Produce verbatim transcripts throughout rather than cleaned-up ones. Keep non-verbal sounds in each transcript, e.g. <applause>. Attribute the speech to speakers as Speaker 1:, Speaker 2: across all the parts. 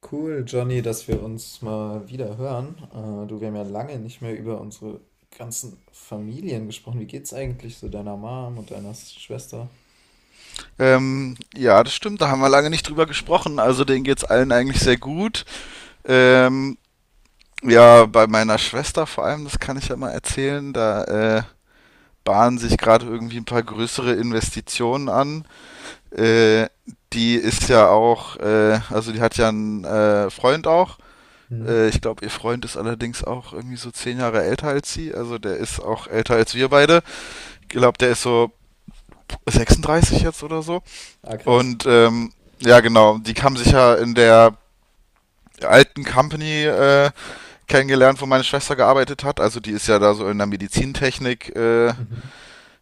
Speaker 1: Cool, Johnny, dass wir uns mal wieder hören. Äh, du, wir haben ja lange nicht mehr über unsere ganzen Familien gesprochen. Wie geht's eigentlich so deiner Mom und deiner Schwester?
Speaker 2: Ähm, ja, das stimmt, da haben wir lange nicht drüber gesprochen. Also denen geht's allen eigentlich sehr gut. Ähm, ja, bei meiner Schwester vor allem, das kann ich ja mal erzählen, da äh, bahnen sich gerade irgendwie ein paar größere Investitionen an. Äh, Die ist ja auch, äh, also die hat ja einen äh, Freund auch.
Speaker 1: Hm?
Speaker 2: Äh, ich glaube, ihr Freund ist allerdings auch irgendwie so zehn Jahre älter als sie. Also der ist auch älter als wir beide. Ich glaube, der ist so sechsunddreißig jetzt oder so.
Speaker 1: Ah, krass.
Speaker 2: Und ähm, ja, genau, die haben sich ja in der alten Company äh, kennengelernt, wo meine Schwester gearbeitet hat. Also die ist ja da so in der Medizintechnik, äh,
Speaker 1: Mhm.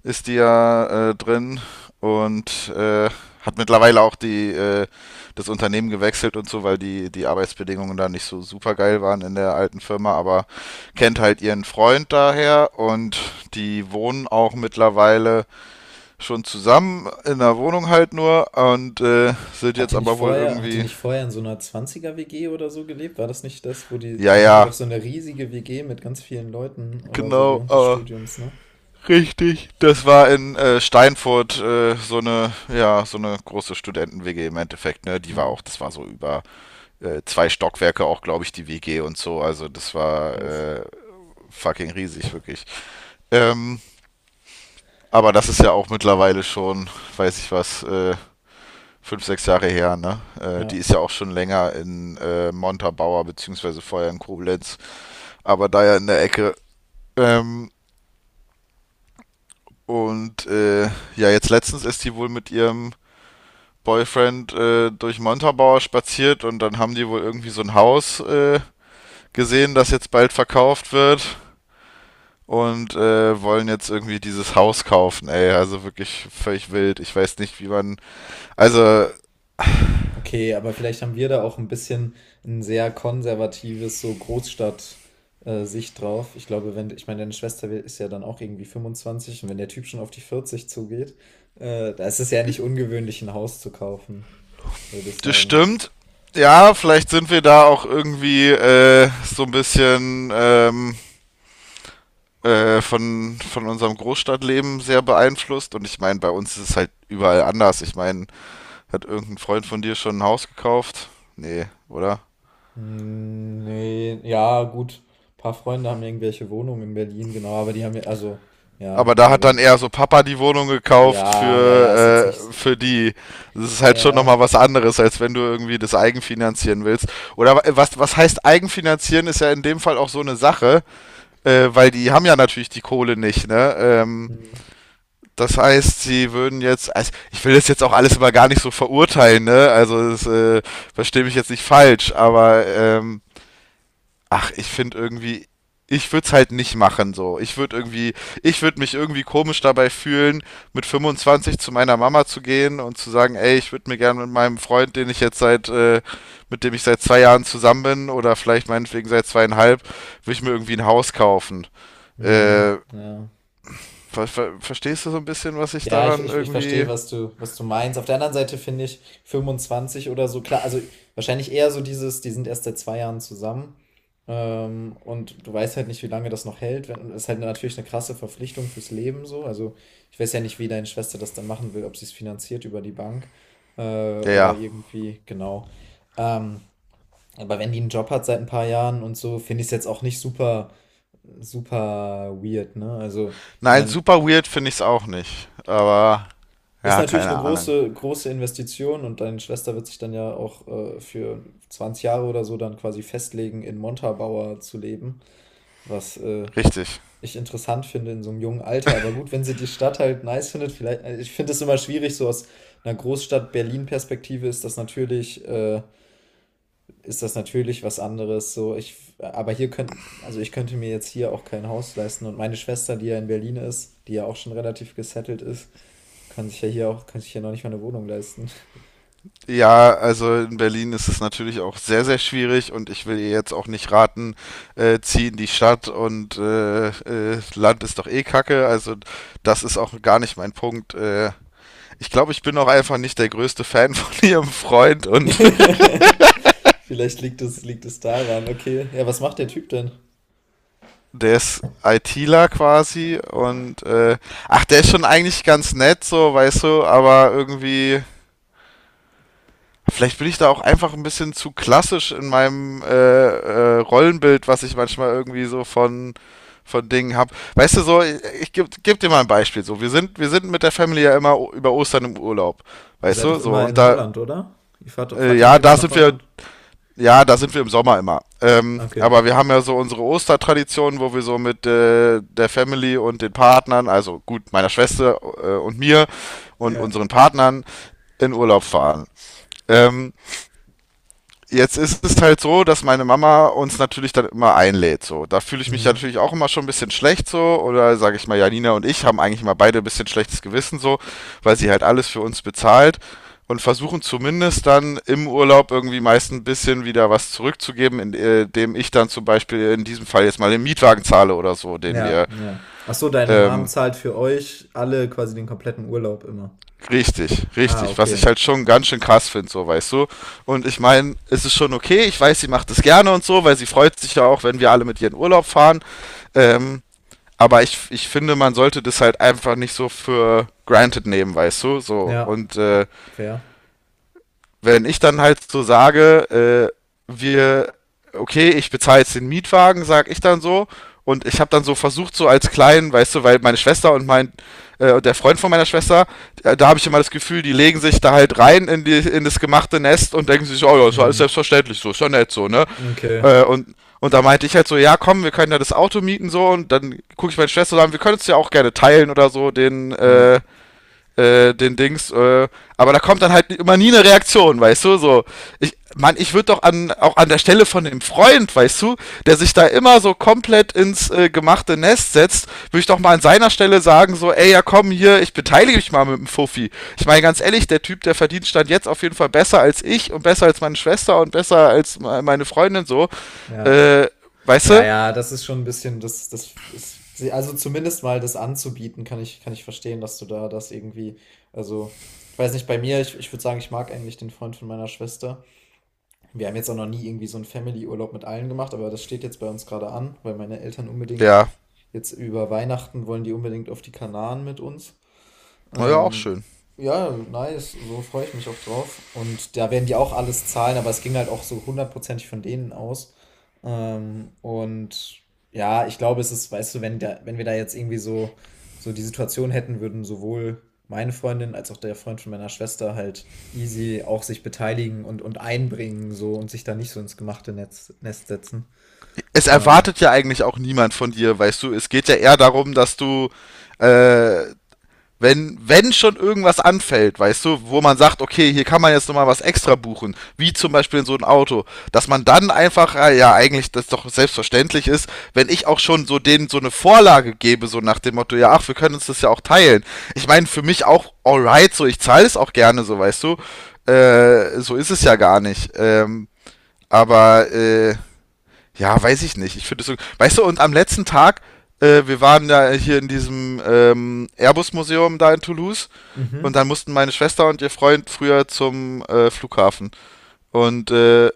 Speaker 2: ist die ja äh, drin und äh, hat mittlerweile auch die, äh, das Unternehmen gewechselt und so, weil die, die Arbeitsbedingungen da nicht so super geil waren in der alten Firma, aber kennt halt ihren Freund daher und die wohnen auch mittlerweile schon zusammen in der Wohnung halt nur und äh, sind
Speaker 1: Hat
Speaker 2: jetzt
Speaker 1: die nicht
Speaker 2: aber wohl
Speaker 1: vorher, hat die
Speaker 2: irgendwie,
Speaker 1: nicht vorher in so einer Zwanziger er WG oder so gelebt? War das nicht das, wo die,
Speaker 2: ja,
Speaker 1: die hatte doch
Speaker 2: ja,
Speaker 1: so eine riesige W G mit ganz vielen Leuten oder so
Speaker 2: genau,
Speaker 1: während des
Speaker 2: aber
Speaker 1: Studiums, ne?
Speaker 2: richtig. Das war in äh, Steinfurt äh, so eine, ja, so eine große Studenten-W G im Endeffekt, ne? Die war
Speaker 1: Hm,
Speaker 2: auch, das war so über äh, zwei Stockwerke auch, glaube ich, die W G und so. Also das war
Speaker 1: krass.
Speaker 2: äh, fucking riesig, wirklich. Ähm, aber das ist ja auch mittlerweile schon, weiß ich was, äh, fünf, sechs Jahre her, ne? Äh, die
Speaker 1: Ja.
Speaker 2: ist ja auch schon länger in äh, Montabaur, beziehungsweise vorher in Koblenz, aber da ja in der Ecke. Ähm, und äh, ja, jetzt letztens ist die wohl mit ihrem Boyfriend äh, durch Montabaur spaziert und dann haben die wohl irgendwie so ein Haus äh, gesehen, das jetzt bald verkauft wird und äh, wollen jetzt irgendwie dieses Haus kaufen, ey. Also wirklich völlig wild. Ich weiß nicht, wie man. Also. <laughs>
Speaker 1: Okay, aber vielleicht haben wir da auch ein bisschen ein sehr konservatives, so Großstadt, äh, Sicht drauf. Ich glaube, wenn, ich meine, deine Schwester wi- ist ja dann auch irgendwie fünfundzwanzig und wenn der Typ schon auf die vierzig zugeht, äh, da ist es ja nicht ungewöhnlich, ein Haus zu kaufen, würde ich
Speaker 2: Das
Speaker 1: sagen.
Speaker 2: stimmt. Ja, vielleicht sind wir da auch irgendwie äh, so ein bisschen ähm, äh, von, von unserem Großstadtleben sehr beeinflusst. Und ich meine, bei uns ist es halt überall anders. Ich meine, hat irgendein Freund von dir schon ein Haus gekauft? Nee, oder?
Speaker 1: Hm, nee, ja, gut. Ein paar Freunde haben irgendwelche Wohnungen in Berlin, genau, aber die haben ja, also,
Speaker 2: Aber
Speaker 1: ja,
Speaker 2: da hat
Speaker 1: aber,
Speaker 2: dann eher so Papa die Wohnung gekauft
Speaker 1: ja, ja, ja, ist jetzt
Speaker 2: für, äh,
Speaker 1: nicht,
Speaker 2: für die. Das ist halt schon
Speaker 1: ja,
Speaker 2: nochmal was anderes, als wenn du irgendwie das eigenfinanzieren willst. Oder wa- was, was heißt eigenfinanzieren, ist ja in dem Fall auch so eine Sache. Äh, weil die haben ja natürlich die Kohle nicht, ne? Ähm,
Speaker 1: hm,
Speaker 2: das heißt, sie würden jetzt, also ich will das jetzt auch alles immer gar nicht so verurteilen, ne? Also das, äh, verstehe mich jetzt nicht falsch, aber ähm, ach, ich finde irgendwie, ich würde es halt nicht machen so. Ich würde irgendwie, ich würde mich irgendwie komisch dabei fühlen, mit fünfundzwanzig zu meiner Mama zu gehen und zu sagen, ey, ich würde mir gerne mit meinem Freund, den ich jetzt seit, äh, mit dem ich seit zwei Jahren zusammen bin oder vielleicht meinetwegen seit zweieinhalb, würde ich mir irgendwie ein Haus kaufen.
Speaker 1: hm,
Speaker 2: Äh,
Speaker 1: ja.
Speaker 2: Ver ver verstehst du so ein bisschen, was ich
Speaker 1: Ja, ich,
Speaker 2: daran
Speaker 1: ich, ich verstehe,
Speaker 2: irgendwie.
Speaker 1: was du, was du meinst. Auf der anderen Seite finde ich fünfundzwanzig oder so, klar, also wahrscheinlich eher so dieses, die sind erst seit zwei Jahren zusammen. Ähm, und du weißt halt nicht, wie lange das noch hält. Wenn- Das ist halt natürlich eine krasse Verpflichtung fürs Leben so. Also ich weiß ja nicht, wie deine Schwester das dann machen will, ob sie es finanziert über die Bank äh,
Speaker 2: Ja,
Speaker 1: oder
Speaker 2: ja.
Speaker 1: irgendwie, genau. Ähm, aber wenn die einen Job hat seit ein paar Jahren und so, finde ich es jetzt auch nicht super, super weird, ne? Also ich
Speaker 2: Nein,
Speaker 1: meine,
Speaker 2: super weird finde ich es auch nicht. Aber
Speaker 1: ist
Speaker 2: ja,
Speaker 1: natürlich
Speaker 2: keine
Speaker 1: eine
Speaker 2: Ahnung.
Speaker 1: große, große Investition und deine Schwester wird sich dann ja auch äh, für zwanzig Jahre oder so dann quasi festlegen, in Montabaur zu leben, was äh,
Speaker 2: Richtig.
Speaker 1: ich interessant finde in so einem jungen Alter. Aber gut, wenn sie die Stadt halt nice findet, vielleicht, äh, ich finde es immer schwierig, so aus einer Großstadt Berlin-Perspektive ist das natürlich, äh, ist das natürlich was anderes. So, ich, aber hier könnten, also ich könnte mir jetzt hier auch kein Haus leisten und meine Schwester, die ja in Berlin ist, die ja auch schon relativ gesettelt ist, kann sich ja hier auch, kann sich ja noch nicht mal eine Wohnung leisten.
Speaker 2: Ja, also in Berlin ist es natürlich auch sehr, sehr schwierig und ich will ihr jetzt auch nicht raten, äh, zieh in die Stadt und äh, äh, Land ist doch eh Kacke. Also das ist auch gar nicht mein Punkt. Äh, ich glaube, ich bin auch einfach nicht der größte Fan <laughs> von ihrem Freund. Und
Speaker 1: <laughs> Vielleicht liegt es, liegt es daran. Okay. Ja, was macht der Typ denn?
Speaker 2: der ist ITler quasi und äh, ach, der ist schon eigentlich ganz nett, so, weißt du, aber irgendwie, vielleicht bin ich da auch einfach ein bisschen zu klassisch in meinem äh, äh, Rollenbild, was ich manchmal irgendwie so von von Dingen habe. Weißt du so, ich, ich gebe geb dir mal ein Beispiel. So, wir sind, wir sind mit der Family ja immer o- über Ostern im Urlaub,
Speaker 1: Ihr
Speaker 2: weißt
Speaker 1: seid
Speaker 2: du?
Speaker 1: doch
Speaker 2: So,
Speaker 1: immer
Speaker 2: und
Speaker 1: in
Speaker 2: da,
Speaker 1: Holland, oder? Ihr fahrt,
Speaker 2: äh,
Speaker 1: fahrt ihr nicht
Speaker 2: ja,
Speaker 1: immer
Speaker 2: da
Speaker 1: nach
Speaker 2: sind wir
Speaker 1: Holland?
Speaker 2: Ja, da sind wir im Sommer immer. Ähm,
Speaker 1: Okay.
Speaker 2: aber wir haben ja so unsere Ostertradition, wo wir so mit äh, der Family und den Partnern, also gut, meiner Schwester äh, und mir und
Speaker 1: Ja.
Speaker 2: unseren Partnern in Urlaub fahren. Ähm, Jetzt ist es halt so, dass meine Mama uns natürlich dann immer einlädt. So, da fühle ich mich ja
Speaker 1: Mhm.
Speaker 2: natürlich auch immer schon ein bisschen schlecht so. Oder sage ich mal, Janina und ich haben eigentlich immer beide ein bisschen schlechtes Gewissen so, weil sie halt alles für uns bezahlt und versuchen zumindest dann im Urlaub irgendwie meist ein bisschen wieder was zurückzugeben, indem ich dann zum Beispiel in diesem Fall jetzt mal den Mietwagen zahle oder so, den
Speaker 1: Ja,
Speaker 2: wir
Speaker 1: ja. Ach so, deine Mom
Speaker 2: ähm,
Speaker 1: zahlt für euch alle quasi den kompletten Urlaub immer.
Speaker 2: Richtig,
Speaker 1: Ah,
Speaker 2: richtig. Was ich
Speaker 1: okay.
Speaker 2: halt schon ganz schön krass finde, so weißt du. Und ich meine, es ist schon okay. Ich weiß, sie macht es gerne und so, weil sie freut sich ja auch, wenn wir alle mit ihr in Urlaub fahren. Ähm, aber ich, ich finde, man sollte das halt einfach nicht so für granted nehmen, weißt du. So
Speaker 1: Ja,
Speaker 2: und äh,
Speaker 1: fair.
Speaker 2: wenn ich dann halt so sage, äh, wir, okay, ich bezahle jetzt den Mietwagen, sag ich dann so. Und ich habe dann so versucht, so als kleinen, weißt du, weil meine Schwester und mein äh, und der Freund von meiner Schwester, da, da habe ich immer das Gefühl, die legen sich da halt rein in, die, in das gemachte Nest und denken sich, oh ja, ist ja alles
Speaker 1: Mhm.
Speaker 2: selbstverständlich so, ist ja nett so, ne?
Speaker 1: Okay.
Speaker 2: Äh, und, und da meinte ich halt so, ja komm, wir können ja das Auto mieten so und dann gucke ich meine Schwester so an, wir können es ja auch gerne teilen oder so, den,
Speaker 1: Ja,
Speaker 2: äh, äh, den Dings, äh, aber da kommt dann halt immer nie eine Reaktion, weißt du, so. Ich, Mann, ich würde doch an, auch an der Stelle von dem Freund, weißt du, der sich da immer so komplett ins äh, gemachte Nest setzt, würde ich doch mal an seiner Stelle sagen, so, ey, ja komm hier, ich beteilige mich mal mit dem Fuffi. Ich meine, ganz ehrlich, der Typ, der verdient stand jetzt auf jeden Fall besser als ich und besser als meine Schwester und besser als meine Freundin, so,
Speaker 1: ja.
Speaker 2: äh, weißt
Speaker 1: Ja,
Speaker 2: du?
Speaker 1: ja, das ist schon ein bisschen, das, das ist, also zumindest mal das anzubieten, kann ich, kann ich verstehen, dass du da das irgendwie, also, ich weiß nicht, bei mir, ich, ich würde sagen, ich mag eigentlich den Freund von meiner Schwester. Wir haben jetzt auch noch nie irgendwie so einen Family-Urlaub mit allen gemacht, aber das steht jetzt bei uns gerade an, weil meine Eltern unbedingt
Speaker 2: Ja,
Speaker 1: jetzt über Weihnachten wollen die unbedingt auf die Kanaren mit uns.
Speaker 2: war ja auch
Speaker 1: Ähm,
Speaker 2: schön.
Speaker 1: ja, nice, so freue ich mich auch drauf. Und da werden die auch alles zahlen, aber es ging halt auch so hundertprozentig von denen aus. Ähm, und ja, ich glaube, es ist, weißt du, wenn da, wenn wir da jetzt irgendwie so, so, die Situation hätten, würden sowohl meine Freundin als auch der Freund von meiner Schwester halt easy auch sich beteiligen und, und einbringen so und sich da nicht so ins gemachte Netz, Nest setzen.
Speaker 2: Es
Speaker 1: Aber.
Speaker 2: erwartet ja eigentlich auch niemand von dir, weißt du. Es geht ja eher darum, dass du, äh, wenn, wenn schon irgendwas anfällt, weißt du, wo man sagt, okay, hier kann man jetzt nochmal was extra buchen, wie zum Beispiel in so ein Auto, dass man dann einfach, äh, ja, eigentlich das doch selbstverständlich ist, wenn ich auch schon so denen so eine Vorlage gebe, so nach dem Motto, ja, ach, wir können uns das ja auch teilen. Ich meine, für mich auch alright, so, ich zahle es auch gerne, so, weißt du. Äh, so ist es ja gar nicht. Ähm, aber, äh, ja, weiß ich nicht. Ich finde es so. Weißt du, und am letzten Tag, äh, wir waren ja hier in diesem ähm, Airbus-Museum da in Toulouse. Und
Speaker 1: Mhm.
Speaker 2: dann mussten meine Schwester und ihr Freund früher zum äh, Flughafen. Und äh,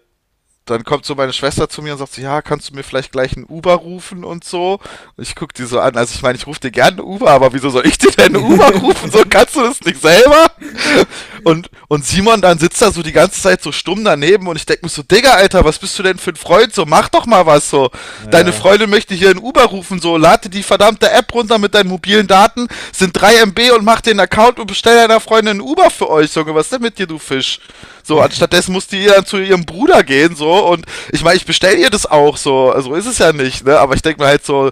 Speaker 2: dann kommt so meine Schwester zu mir und sagt so, ja, kannst du mir vielleicht gleich einen Uber rufen und so? Und ich guck die so an, also ich meine, ich rufe dir gerne einen Uber, aber wieso soll ich dir denn einen Uber rufen? So kannst
Speaker 1: <laughs>
Speaker 2: du das nicht selber? Und, und Simon dann sitzt da so die ganze Zeit so stumm daneben und ich denke mir so, Digga, Alter, was bist du denn für ein Freund? So, mach doch mal was so. Deine
Speaker 1: Naja.
Speaker 2: Freundin möchte hier einen Uber rufen, so, lade die verdammte App runter mit deinen mobilen Daten, sind drei M B und mach den Account und bestell deiner Freundin einen Uber für euch, Junge, was ist denn mit dir, du Fisch? So,
Speaker 1: <laughs>
Speaker 2: anstattdessen musste ihr dann zu ihrem Bruder gehen, so, und ich meine, ich bestell ihr das auch, so, so ist es ja nicht, ne? Aber ich denke mir halt so,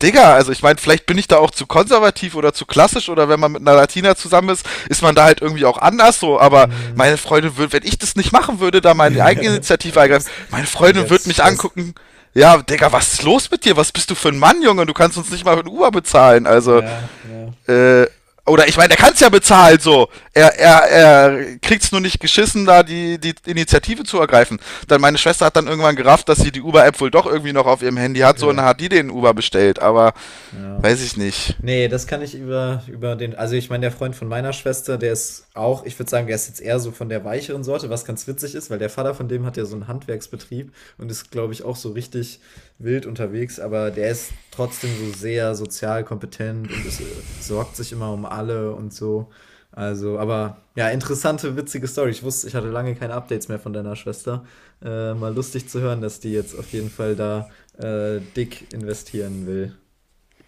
Speaker 2: Digga, also ich meine, vielleicht bin ich da auch zu konservativ oder zu klassisch oder wenn man mit einer Latina zusammen ist, ist man da halt irgendwie auch anders so, aber
Speaker 1: Hm.
Speaker 2: meine Freundin würde, wenn ich das nicht machen würde,
Speaker 1: <laughs>
Speaker 2: da meine eigene Initiative
Speaker 1: Dann
Speaker 2: ergreifen,
Speaker 1: gäb's,
Speaker 2: meine
Speaker 1: dann
Speaker 2: Freundin würde
Speaker 1: gäb's
Speaker 2: mich
Speaker 1: Stress.
Speaker 2: angucken, ja, Digga, was ist los mit dir? Was bist du für ein Mann, Junge? Du kannst uns nicht mal für ein Uber bezahlen, also,
Speaker 1: Ja, ja,
Speaker 2: äh, oder ich meine, er kann es ja bezahlen, so. Er, er, er kriegt es nur nicht geschissen, da die, die Initiative zu ergreifen. Dann meine Schwester hat dann irgendwann gerafft, dass sie die Uber-App wohl doch irgendwie noch auf ihrem Handy hat, so und
Speaker 1: okay.
Speaker 2: dann hat die den Uber bestellt. Aber
Speaker 1: Ja.
Speaker 2: weiß ich nicht,
Speaker 1: Nee, das kann ich über, über den, also ich meine, der Freund von meiner Schwester, der ist auch, ich würde sagen, der ist jetzt eher so von der weicheren Sorte, was ganz witzig ist, weil der Vater von dem hat ja so einen Handwerksbetrieb und ist, glaube ich, auch so richtig wild unterwegs, aber der ist trotzdem so sehr sozial kompetent und ist, äh, sorgt sich immer um alle und so. Also, aber ja, interessante, witzige Story. Ich wusste, ich hatte lange keine Updates mehr von deiner Schwester. Äh, mal lustig zu hören, dass die jetzt auf jeden Fall da äh, dick investieren will.